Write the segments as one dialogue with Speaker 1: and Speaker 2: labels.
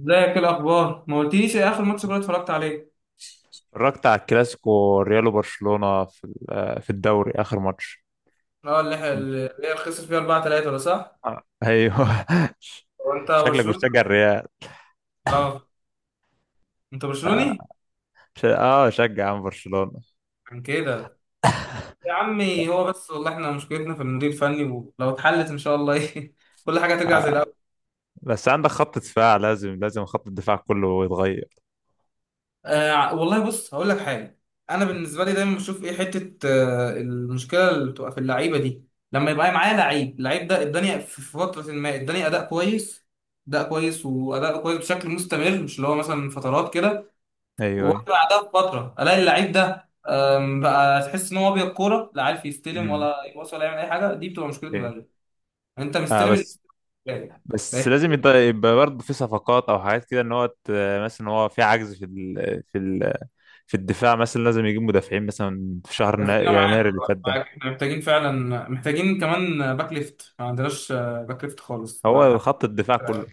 Speaker 1: ازيك؟ إيه الاخبار؟ ما قلتليش ايه اخر ماتش كنت اتفرجت عليه؟
Speaker 2: اتفرجت على الكلاسيكو ريال وبرشلونة في الدوري، آخر ماتش.
Speaker 1: اه، اللي هي خسر فيها 4-3 ولا صح؟
Speaker 2: آه. ايوه.
Speaker 1: هو انت
Speaker 2: شكلك
Speaker 1: برشلوني؟
Speaker 2: بتشجع الريال.
Speaker 1: اه. انت
Speaker 2: اه.
Speaker 1: برشلوني؟
Speaker 2: شجع عن برشلونة.
Speaker 1: عن كده. يا عمي، هو بس والله احنا مشكلتنا في المدير الفني، ولو اتحلت ان شاء الله ايه كل حاجه هترجع زي
Speaker 2: آه.
Speaker 1: الاول.
Speaker 2: بس عندك خط دفاع، لازم خط الدفاع كله يتغير.
Speaker 1: آه، والله بص هقول لك حاجه. انا بالنسبه لي دايما بشوف ايه حته المشكله اللي بتبقى في اللعيبه دي، لما يبقى معايا لعيب اللعيب ده اداني في فتره ما اداني اداء كويس. اداء كويس واداء كويس بشكل مستمر، مش اللي هو مثلا فترات كده.
Speaker 2: ايوه ايوه.
Speaker 1: وافضل بعدها بفتره الاقي اللعيب ده بقى تحس ان هو ابيض كوره، لا عارف يستلم
Speaker 2: امم
Speaker 1: ولا يباصي ولا يعمل اي حاجه. دي بتبقى مشكله
Speaker 2: ايه.
Speaker 1: المدرب. انت
Speaker 2: آه.
Speaker 1: مستلم ال- يعني.
Speaker 2: بس لازم يبقى برضه في صفقات او حاجات كده، مثلا هو في عجز في الدفاع، مثلا لازم يجيب مدافعين مثلا في شهر
Speaker 1: بس انا معاك
Speaker 2: يناير اللي فات
Speaker 1: معاك
Speaker 2: ده.
Speaker 1: احنا محتاجين فعلا. محتاجين كمان باك ليفت، ما عندناش باك ليفت خالص.
Speaker 2: هو
Speaker 1: مع
Speaker 2: خط الدفاع كله.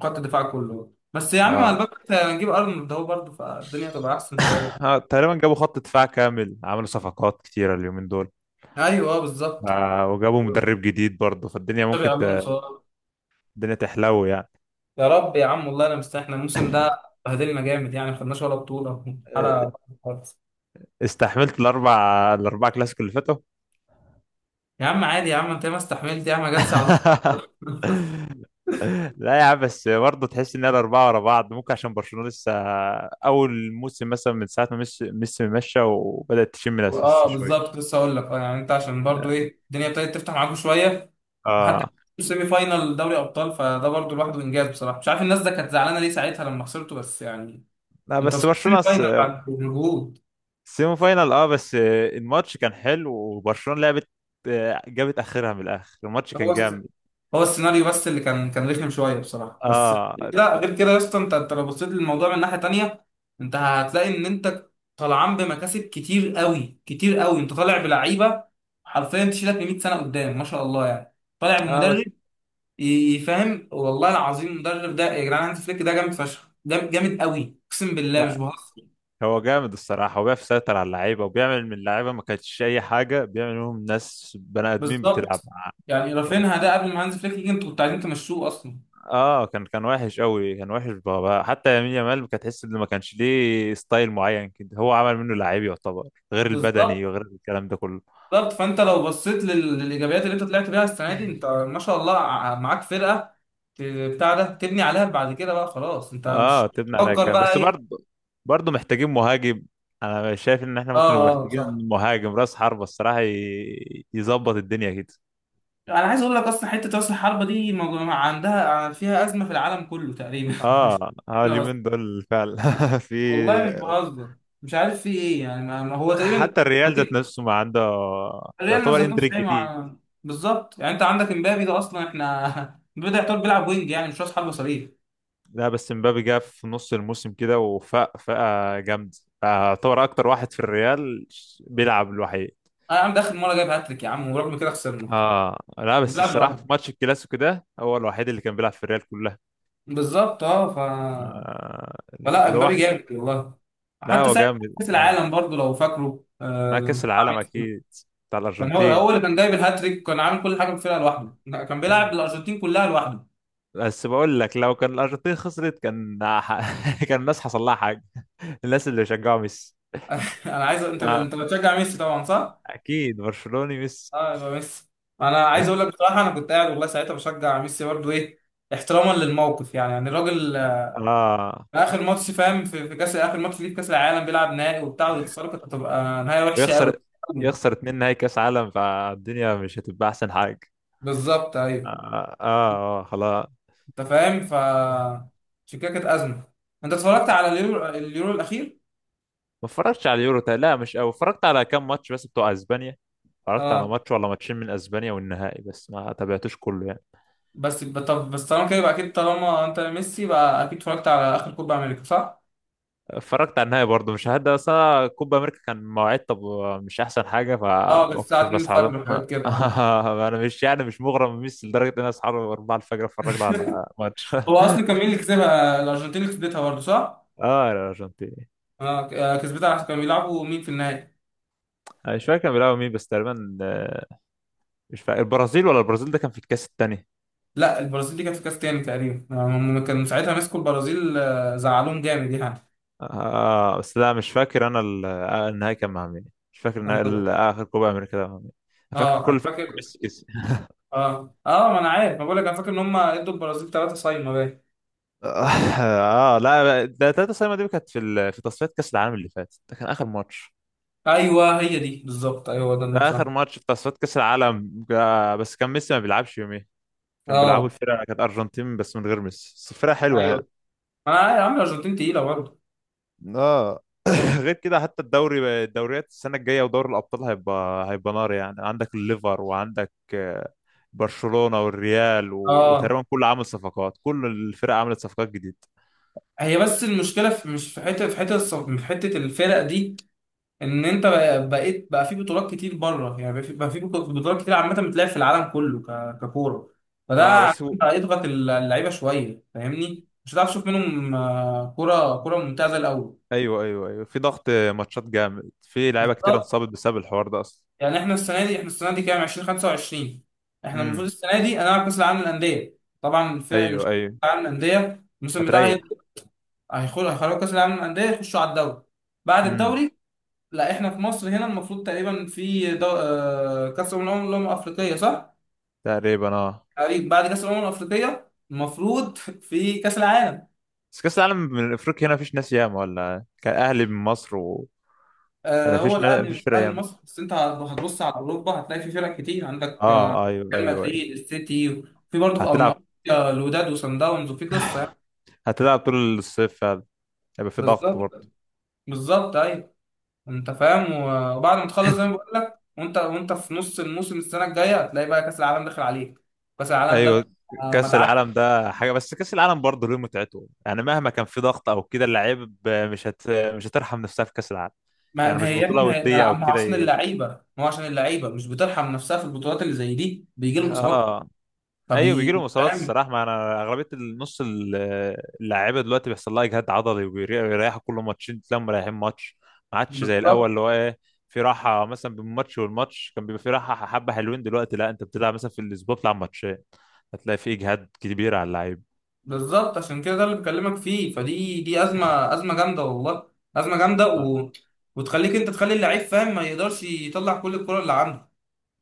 Speaker 1: خط الدفاع كله، بس يا عم مع
Speaker 2: اه.
Speaker 1: الباك ليفت هنجيب ارنولد ده برضه فالدنيا تبقى احسن شويه.
Speaker 2: تقريبا جابوا خط دفاع كامل، عملوا صفقات كتيرة اليومين دول،
Speaker 1: ايوه، بالظبط.
Speaker 2: وجابوا مدرب جديد برضه، فالدنيا
Speaker 1: تشابي
Speaker 2: ممكن
Speaker 1: الونسو.
Speaker 2: الدنيا تحلو يعني.
Speaker 1: يا رب يا عم، والله انا مستني. احنا الموسم ده بهدلنا جامد يعني، ما خدناش ولا بطوله
Speaker 2: آه،
Speaker 1: حاله خالص.
Speaker 2: استحملت الأربع كلاسيكو اللي فاتوا.
Speaker 1: يا عم عادي، يا عم انت ما استحملت يا عم. جت ساعة الدكتور.
Speaker 2: لا يا عم، بس برضه تحس إن الأربعة ورا بعض، ممكن عشان برشلونة لسه أول موسم، مثلا من ساعة ما ميسي مشى، وبدأت تشم
Speaker 1: اه
Speaker 2: نفسها شوية.
Speaker 1: بالظبط. لسه اقول لك اه يعني انت عشان برضو
Speaker 2: آه
Speaker 1: ايه الدنيا ابتدت تفتح معاكم شويه. وحتى
Speaker 2: آه،
Speaker 1: سيمي فاينال دوري ابطال فده برضو لوحده انجاز، بصراحه مش عارف الناس ده كانت زعلانه ليه ساعتها لما خسرته، بس يعني
Speaker 2: لا
Speaker 1: انت
Speaker 2: بس
Speaker 1: وصلت سيمي
Speaker 2: برشلونة
Speaker 1: فاينال بعد مجهود.
Speaker 2: سيمي فاينال، بس الماتش كان حلو وبرشلونة لعبت، جابت اخرها من الاخر، الماتش كان
Speaker 1: هو
Speaker 2: جامد.
Speaker 1: هو السيناريو بس اللي كان رخم شويه بصراحه، بس
Speaker 2: اه
Speaker 1: لا غير كده يا اسطى. انت لو بصيت للموضوع من ناحيه تانيه انت هتلاقي ان انت طالعان بمكاسب كتير قوي كتير قوي. انت طالع بلعيبه حرفيا تشيلك ل 100 سنه قدام، ما شاء الله يعني. طالع
Speaker 2: اه.
Speaker 1: بمدرب
Speaker 2: بس
Speaker 1: يفهم، والله العظيم المدرب ده يا جدعان هانز فليك ده جامد فشخ. جامد جامد قوي، اقسم بالله مش
Speaker 2: لا،
Speaker 1: بهزر.
Speaker 2: هو جامد الصراحة، وبيعرف يسيطر على اللعيبة، وبيعمل من اللعيبة ما كانتش أي حاجة، بيعمل منهم ناس بني آدمين بتلعب
Speaker 1: بالظبط.
Speaker 2: معاه.
Speaker 1: يعني رافينها ده قبل ما هانز فليك يجي انتوا كنتوا عايزين تمشوه اصلا.
Speaker 2: اه، كان وحش قوي، كان وحش بابا، حتى يمين يامال كانت تحس إن ما كانش ليه ستايل معين كده، هو عمل منه لعيب يعتبر، غير البدني
Speaker 1: بالظبط
Speaker 2: وغير الكلام ده كله.
Speaker 1: بالظبط. فانت لو بصيت لل- للايجابيات اللي انت طلعت بيها السنه دي انت ما شاء الله، ع- معاك فرقه، ت- بتاع ده تبني عليها بعد كده بقى. خلاص انت مش
Speaker 2: اه، تبني عليها
Speaker 1: تفكر
Speaker 2: كام
Speaker 1: بقى
Speaker 2: بس
Speaker 1: ايه.
Speaker 2: برضه، برضه محتاجين مهاجم. انا شايف ان احنا
Speaker 1: اه
Speaker 2: ممكن نبقى
Speaker 1: اه صح.
Speaker 2: محتاجين مهاجم راس حربة الصراحة، يظبط الدنيا كده.
Speaker 1: انا عايز اقول لك اصلا حته راس الحربه دي موجو- عندها فيها ازمه في العالم كله تقريبا مش
Speaker 2: اه اه،
Speaker 1: انا بس.
Speaker 2: اليومين دول فعلا. في
Speaker 1: والله مش بهزر، مش عارف في ايه يعني. ما هو تقريبا
Speaker 2: حتى الريال ذات نفسه ما عنده،
Speaker 1: ريال
Speaker 2: يعتبر،
Speaker 1: ذات نفسه
Speaker 2: اندريك
Speaker 1: ايه
Speaker 2: جديد.
Speaker 1: مع. بالظبط. يعني انت عندك امبابي ده اصلا احنا بدأ يعتبر بيلعب وينج، يعني مش راس حربه صريح.
Speaker 2: لا بس مبابي جه في نص الموسم كده وفاق فاقة جامد، يعتبر اكتر واحد في الريال بيلعب الوحيد.
Speaker 1: انا عم ده اخر مره جايب هاتريك يا عم ورغم كده خسرنا.
Speaker 2: اه لا، بس
Speaker 1: بيلعب
Speaker 2: الصراحه في
Speaker 1: لوحده.
Speaker 2: ماتش الكلاسيكو ده هو الوحيد اللي كان بيلعب في الريال كلها.
Speaker 1: بالظبط اه ف
Speaker 2: آه،
Speaker 1: فلا
Speaker 2: اللي هو
Speaker 1: امبابي جامد والله.
Speaker 2: لا،
Speaker 1: حتى
Speaker 2: هو
Speaker 1: ساعه
Speaker 2: جامد
Speaker 1: كاس
Speaker 2: جامد.
Speaker 1: العالم برضو لو فاكره
Speaker 2: مع
Speaker 1: لما
Speaker 2: كأس
Speaker 1: كان مع
Speaker 2: العالم،
Speaker 1: ميسي،
Speaker 2: أكيد، بتاع
Speaker 1: كان هو
Speaker 2: الأرجنتين.
Speaker 1: هو اللي كان جايب الهاتريك، كان عامل كل حاجه بفرقه لوحده. لا، كان بيلعب الارجنتين كلها لوحده.
Speaker 2: بس بقول لك، لو كان الأرجنتين خسرت كان، كان الناس حصل لها حاجة، الناس اللي شجعوا ميسي.
Speaker 1: انا عايز. انت
Speaker 2: آه.
Speaker 1: انت بتشجع ميسي طبعا، صح؟
Speaker 2: أكيد برشلوني ميسي.
Speaker 1: اه، يبقى ميسي. انا عايز اقول لك بصراحه انا كنت قاعد والله ساعتها بشجع ميسي برضو ايه، احتراما للموقف يعني. يعني الراجل
Speaker 2: آه،
Speaker 1: اخر ماتش فاهم في كاس اخر ماتش ليه في كاس العالم، بيلعب نهائي وبتاع ويخسره، كانت هتبقى نهايه وحشه قوي.
Speaker 2: ويخسر يخسر اتنين نهائي كأس عالم، فالدنيا مش هتبقى أحسن حاجة.
Speaker 1: بالظبط
Speaker 2: آه
Speaker 1: ايوه.
Speaker 2: خلاص.
Speaker 1: انت فاهم ف عشان كده كانت ازمه. انت اتفرجت على اليورو، اليورو الاخير؟
Speaker 2: ما اتفرجتش على اليورو، لا مش أوي، اتفرجت على كام ماتش بس بتوع أسبانيا، اتفرجت على
Speaker 1: اه
Speaker 2: ماتش ولا ماتشين من أسبانيا والنهائي، بس ما تابعتوش كله يعني.
Speaker 1: بس ب- طب بس طالما كده يبقى اكيد. طالما انت ميسي، بقى اكيد اتفرجت على اخر كوبا امريكا، صح؟
Speaker 2: اتفرجت على النهاية برضه، مش هدا، بس أنا كوبا أمريكا كان مواعيد طب مش أحسن حاجة،
Speaker 1: اه كانت
Speaker 2: فما
Speaker 1: الساعه
Speaker 2: كنتش
Speaker 1: 2
Speaker 2: بسعى له.
Speaker 1: الفجر وحاجات كده اه.
Speaker 2: أنا مش يعني مش مغرم بميسي لدرجة إن أنا أصحى 4 الفجر أتفرج له على ماتش.
Speaker 1: هو اصلا كان مين اللي كسبها؟ الارجنتين اللي كسبتها برضه، صح؟
Speaker 2: آه، الأرجنتين.
Speaker 1: اه ك- كسبتها عشان كانوا بيلعبوا مين في النهائي؟
Speaker 2: أنا مش فاكر كان بيلعبوا مين بس تقريبا، آه، مش فاكر، البرازيل، ولا البرازيل ده كان في الكاس التاني.
Speaker 1: لا البرازيل دي كانت في كاس تاني تقريبا. هم كانوا ساعتها مسكوا البرازيل، زعلوهم جامد يعني.
Speaker 2: بس لا، مش فاكر أنا النهائي كان مع مين. مش فاكر آخر كوبا أمريكا ده مع مين. أنا فاكر،
Speaker 1: اه انا
Speaker 2: فاكر
Speaker 1: فاكر.
Speaker 2: ميسي كسب.
Speaker 1: اه اه ما انا عارف ما بقول لك انا فاكر ان هم ادوا البرازيل ثلاثه صايمه باين.
Speaker 2: اه لا، ده 3-0 دي كانت في تصفيات كاس العالم اللي فات، ده كان اخر ماتش.
Speaker 1: ايوه هي دي بالظبط، ايوه هو ده
Speaker 2: ده
Speaker 1: الماتش
Speaker 2: اخر
Speaker 1: اه.
Speaker 2: ماتش في تصفيات كاس العالم، بس كان ميسي ما بيلعبش يوميها، كان بيلعبوا
Speaker 1: آه
Speaker 2: الفرقه، كانت ارجنتين بس من غير ميسي، بس الفرقه حلوه يعني.
Speaker 1: ايوه. ما يا عم الارجنتين تقيله برضه.
Speaker 2: اه. غير كده، حتى الدوريات السنه الجايه ودوري الابطال هيبقى نار يعني، عندك الليفر، وعندك برشلونه والريال
Speaker 1: اه،
Speaker 2: وتقريبا كله عامل صفقات، كل الفرق عملت صفقات جديده.
Speaker 1: هي بس المشكله في مش في حته في حته الص- في حته الفرق دي. ان انت بقى- بقيت بقى في بطولات كتير بره يعني. بقى في بقى في بطو- بطولات كتير عامه بتلعب في العالم كله ك- ككوره،
Speaker 2: اه
Speaker 1: فده
Speaker 2: بس.
Speaker 1: هيضغط ال- اللعيبه شويه فاهمني، مش هتعرف تشوف منهم كوره كوره ممتازه الاول.
Speaker 2: ايوه ايوه ايوه، في ضغط ماتشات جامد، في لعيبه كتير
Speaker 1: بالظبط.
Speaker 2: انصابت بسبب الحوار ده اصلا.
Speaker 1: يعني احنا السنه دي كام، 2025؟ احنا المفروض
Speaker 2: امم
Speaker 1: السنه دي انا كاس العالم للانديه طبعا. الفرق اللي مش في
Speaker 2: ايوه
Speaker 1: كاس
Speaker 2: ايوه،
Speaker 1: العالم للانديه، الموسم بتاعها
Speaker 2: هتريح.
Speaker 1: هيبدأ- هيخرجوا كاس العالم للانديه يخشوا على الدوري، بعد
Speaker 2: امم
Speaker 1: الدوري. لا احنا في مصر هنا، المفروض تقريبا في دو... كاس الامم، الأمم- الامم الافريقيه، صح؟
Speaker 2: تقريبا. اه.
Speaker 1: تقريبا بعد كاس الامم الافريقيه المفروض في كاس العالم.
Speaker 2: بس كاس العالم من افريقيا هنا، مفيش ناس ياما، ولا كان اهلي من مصر وانا
Speaker 1: هو الاهلي
Speaker 2: مفيش فرق
Speaker 1: الاهلي
Speaker 2: ياما.
Speaker 1: المصري. بس انت هتبص على اوروبا هتلاقي في فرق كتير، عندك
Speaker 2: اه، ايوه
Speaker 1: ريال
Speaker 2: ايوه ايوه،
Speaker 1: مدريد، السيتي. في برضه في أم-
Speaker 2: هتلعب،
Speaker 1: الوداد وصن داونز، وفي قصه.
Speaker 2: طول الصيف فعلا، هيبقى في ضغط برضه.
Speaker 1: بالظبط. بالظبط ايوه. انت فاهم و- وبعد ما تخلص زي ما بقول لك وانت في نص الموسم السنه الجايه هتلاقي بقى كاس العالم داخل عليك. كاس العالم ده
Speaker 2: ايوه.
Speaker 1: بتبقى
Speaker 2: كاس
Speaker 1: مدعك.
Speaker 2: العالم ده حاجه، بس كاس العالم برضه له متعته يعني، مهما كان في ضغط او كده، اللعيب مش هت... مش هترحم نفسها في كاس العالم.
Speaker 1: ما
Speaker 2: يعني
Speaker 1: ما
Speaker 2: مش
Speaker 1: هي يا ابني
Speaker 2: بطوله
Speaker 1: ما هي
Speaker 2: وديه
Speaker 1: ما
Speaker 2: او
Speaker 1: ما هو
Speaker 2: كده
Speaker 1: عشان اللعيبه. ما هو عشان اللعيبه مش بترحم نفسها في البطولات اللي زي دي، بيجي لهم اصابات
Speaker 2: اه. ايوه، بيجي
Speaker 1: فبي
Speaker 2: لهم اصابات
Speaker 1: فاهم.
Speaker 2: الصراحه، ما انا اغلبيه النص اللعيبه دلوقتي بيحصل لها اجهاد عضلي، وبيريحوا كل ماتشين تلاقيهم مريحين ماتش، ما عادش زي الاول
Speaker 1: بالظبط.
Speaker 2: اللي هو ايه، في راحه مثلا بين الماتش والماتش كان بيبقى في راحه حبه حلوين، دلوقتي لا، انت بتلعب مثلا في الاسبوع بتلعب ماتشين، هتلاقي في اجهاد كبير على اللعيب.
Speaker 1: بالظبط عشان كده، ده اللي بكلمك فيه، فدي دي ازمه، ازمه جامده والله. ازمه جامده
Speaker 2: آه،
Speaker 1: و... وتخليك انت تخلي اللعيب فاهم، ما يقدرش يطلع كل الكره اللي عنده.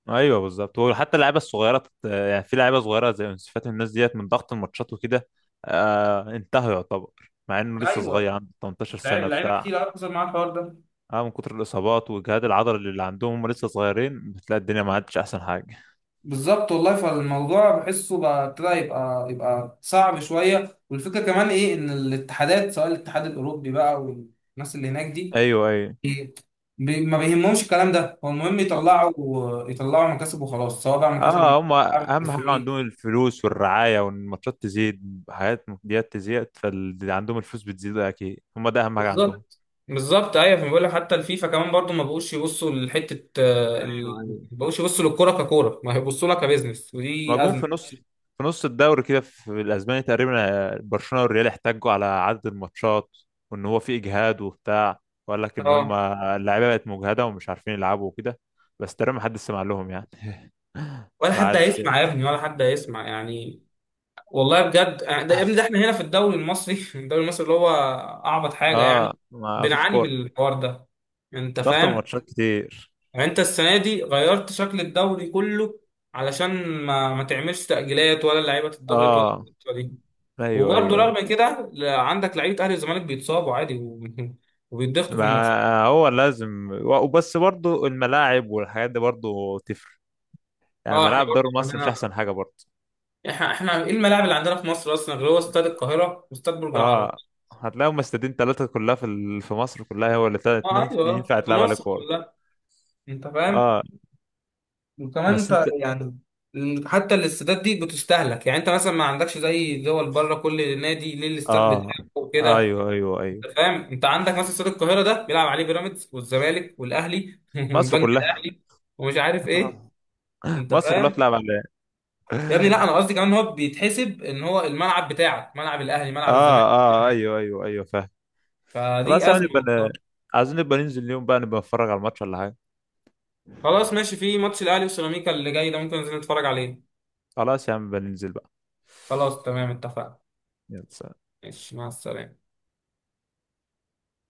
Speaker 2: ايوه بالظبط، وحتى اللعيبه الصغيره، يعني في لعيبه صغيره زي يونس فاتي، الناس ديت من ضغط الماتشات وكده. انتهى يعتبر، مع انه لسه صغير،
Speaker 1: ايوه،
Speaker 2: عنده 18
Speaker 1: لعيبه
Speaker 2: سنه
Speaker 1: لعيبة
Speaker 2: بتاع.
Speaker 1: كتير قوي حصل معاها الحوار ده.
Speaker 2: اه، من كتر الاصابات والجهاد العضلي اللي عندهم، هم لسه صغيرين، بتلاقي الدنيا ما عادش احسن حاجه.
Speaker 1: بالظبط والله، فالموضوع بحسه بقى ابتدى يبقى يبقى صعب شويه. والفكره كمان ايه، ان الاتحادات سواء الاتحاد الاوروبي بقى والناس اللي هناك دي
Speaker 2: ايوه ايوه.
Speaker 1: إيه، بي- ما بيهمهمش الكلام ده، هو المهم يطلعوا مكاسب وخلاص، سواء بقى مكاسب.
Speaker 2: اه، هم
Speaker 1: أعمل
Speaker 2: اهم حاجه
Speaker 1: تسويق.
Speaker 2: عندهم الفلوس والرعايه، والماتشات تزيد، حاجات ديت تزيد، فاللي عندهم الفلوس بتزيد اكيد، هم ده اهم حاجه عندهم.
Speaker 1: بالظبط. بالظبط ايوه. فبقول لك حتى الفيفا كمان برضو ما بقوش يبصوا لحته
Speaker 2: ايوه
Speaker 1: ال-
Speaker 2: ايوه.
Speaker 1: ما بقوش يبصوا للكوره ككوره، ما هيبصوا لها كبزنس،
Speaker 2: ما
Speaker 1: ودي
Speaker 2: جم
Speaker 1: ازمه.
Speaker 2: في نص الدوري كده في الاسباني تقريبا، برشلونه والريال احتجوا على عدد الماتشات، وان هو في اجهاد وبتاع، وقال لك ان
Speaker 1: اه،
Speaker 2: هم اللعيبه بقت مجهده ومش عارفين يلعبوا وكده، بس تقريبا محدش سمع لهم يعني.
Speaker 1: ولا حد
Speaker 2: بعد.
Speaker 1: هيسمع يا ابني، ولا حد هيسمع يعني. والله بجد ده يا ابني ده احنا هنا في الدوري المصري الدوري المصري اللي هو اعبط حاجه
Speaker 2: اه،
Speaker 1: يعني.
Speaker 2: ما فيش
Speaker 1: بنعاني من
Speaker 2: كورة،
Speaker 1: الحوار ده، انت
Speaker 2: ضغط
Speaker 1: فاهم؟
Speaker 2: الماتشات كتير.
Speaker 1: يعني انت السنه دي غيرت شكل الدوري كله، علشان ما تعملش تاجيلات ولا اللعيبه تتضغط ولا
Speaker 2: اه،
Speaker 1: القصة دي.
Speaker 2: ايوه
Speaker 1: وبرضه
Speaker 2: ايوه ايوه،
Speaker 1: رغم كده، ل- عندك لعيبه اهلي والزمالك بيتصابوا عادي و- وبيتضغطوا في الماتشات.
Speaker 2: ما هو لازم، وبس برضو الملاعب والحاجات دي برضو تفرق يعني،
Speaker 1: اه احنا
Speaker 2: ملاعب
Speaker 1: برضه
Speaker 2: دوري مصر مش
Speaker 1: عندنا.
Speaker 2: احسن حاجة برضو.
Speaker 1: احنا ايه الملاعب اللي عندنا في مصر اصلا؟ غير هو استاد القاهره واستاد برج العرب.
Speaker 2: اه، هتلاقيهم استادين ثلاثة، كلها في مصر كلها، هو اللي تلات
Speaker 1: اه
Speaker 2: ناس
Speaker 1: ايوه،
Speaker 2: ينفع
Speaker 1: في
Speaker 2: تلعب عليه
Speaker 1: مصر
Speaker 2: كورة.
Speaker 1: كلها. انت فاهم.
Speaker 2: اه
Speaker 1: وكمان
Speaker 2: بس
Speaker 1: انت
Speaker 2: انت.
Speaker 1: يعني حتى الاستادات دي بتستهلك، يعني انت مثلا ما عندكش زي دول بره كل نادي ليه الاستاد
Speaker 2: اه،
Speaker 1: بتاعه وكده.
Speaker 2: ايوه ايوه ايوه،
Speaker 1: انت فاهم، انت عندك مثلا استاد القاهره ده بيلعب عليه بيراميدز والزمالك والاهلي
Speaker 2: مصر
Speaker 1: والبنك
Speaker 2: كلها.
Speaker 1: الاهلي ومش عارف ايه. انت
Speaker 2: مصر كلها
Speaker 1: فاهم
Speaker 2: بتلعب عليه.
Speaker 1: يا ابني؟ لا،
Speaker 2: اه
Speaker 1: انا قصدي كمان ان هو بيتحسب ان هو الملعب بتاعك، ملعب الاهلي، ملعب الزمالك.
Speaker 2: اه، ايوه ايوه ايوه، فاهم. خلاص
Speaker 1: فدي
Speaker 2: يا عم،
Speaker 1: ازمه والله.
Speaker 2: عايزين نبقى ننزل اليوم بقى، نبقى نتفرج على الماتش ولا حاجة.
Speaker 1: خلاص ماشي. في ماتش الاهلي وسيراميكا اللي جاي ده، ممكن ننزل نتفرج عليه.
Speaker 2: خلاص يا عم، نبقى ننزل بقى.
Speaker 1: خلاص تمام، اتفقنا.
Speaker 2: يلا، سلام.
Speaker 1: ماشي، مع السلامه.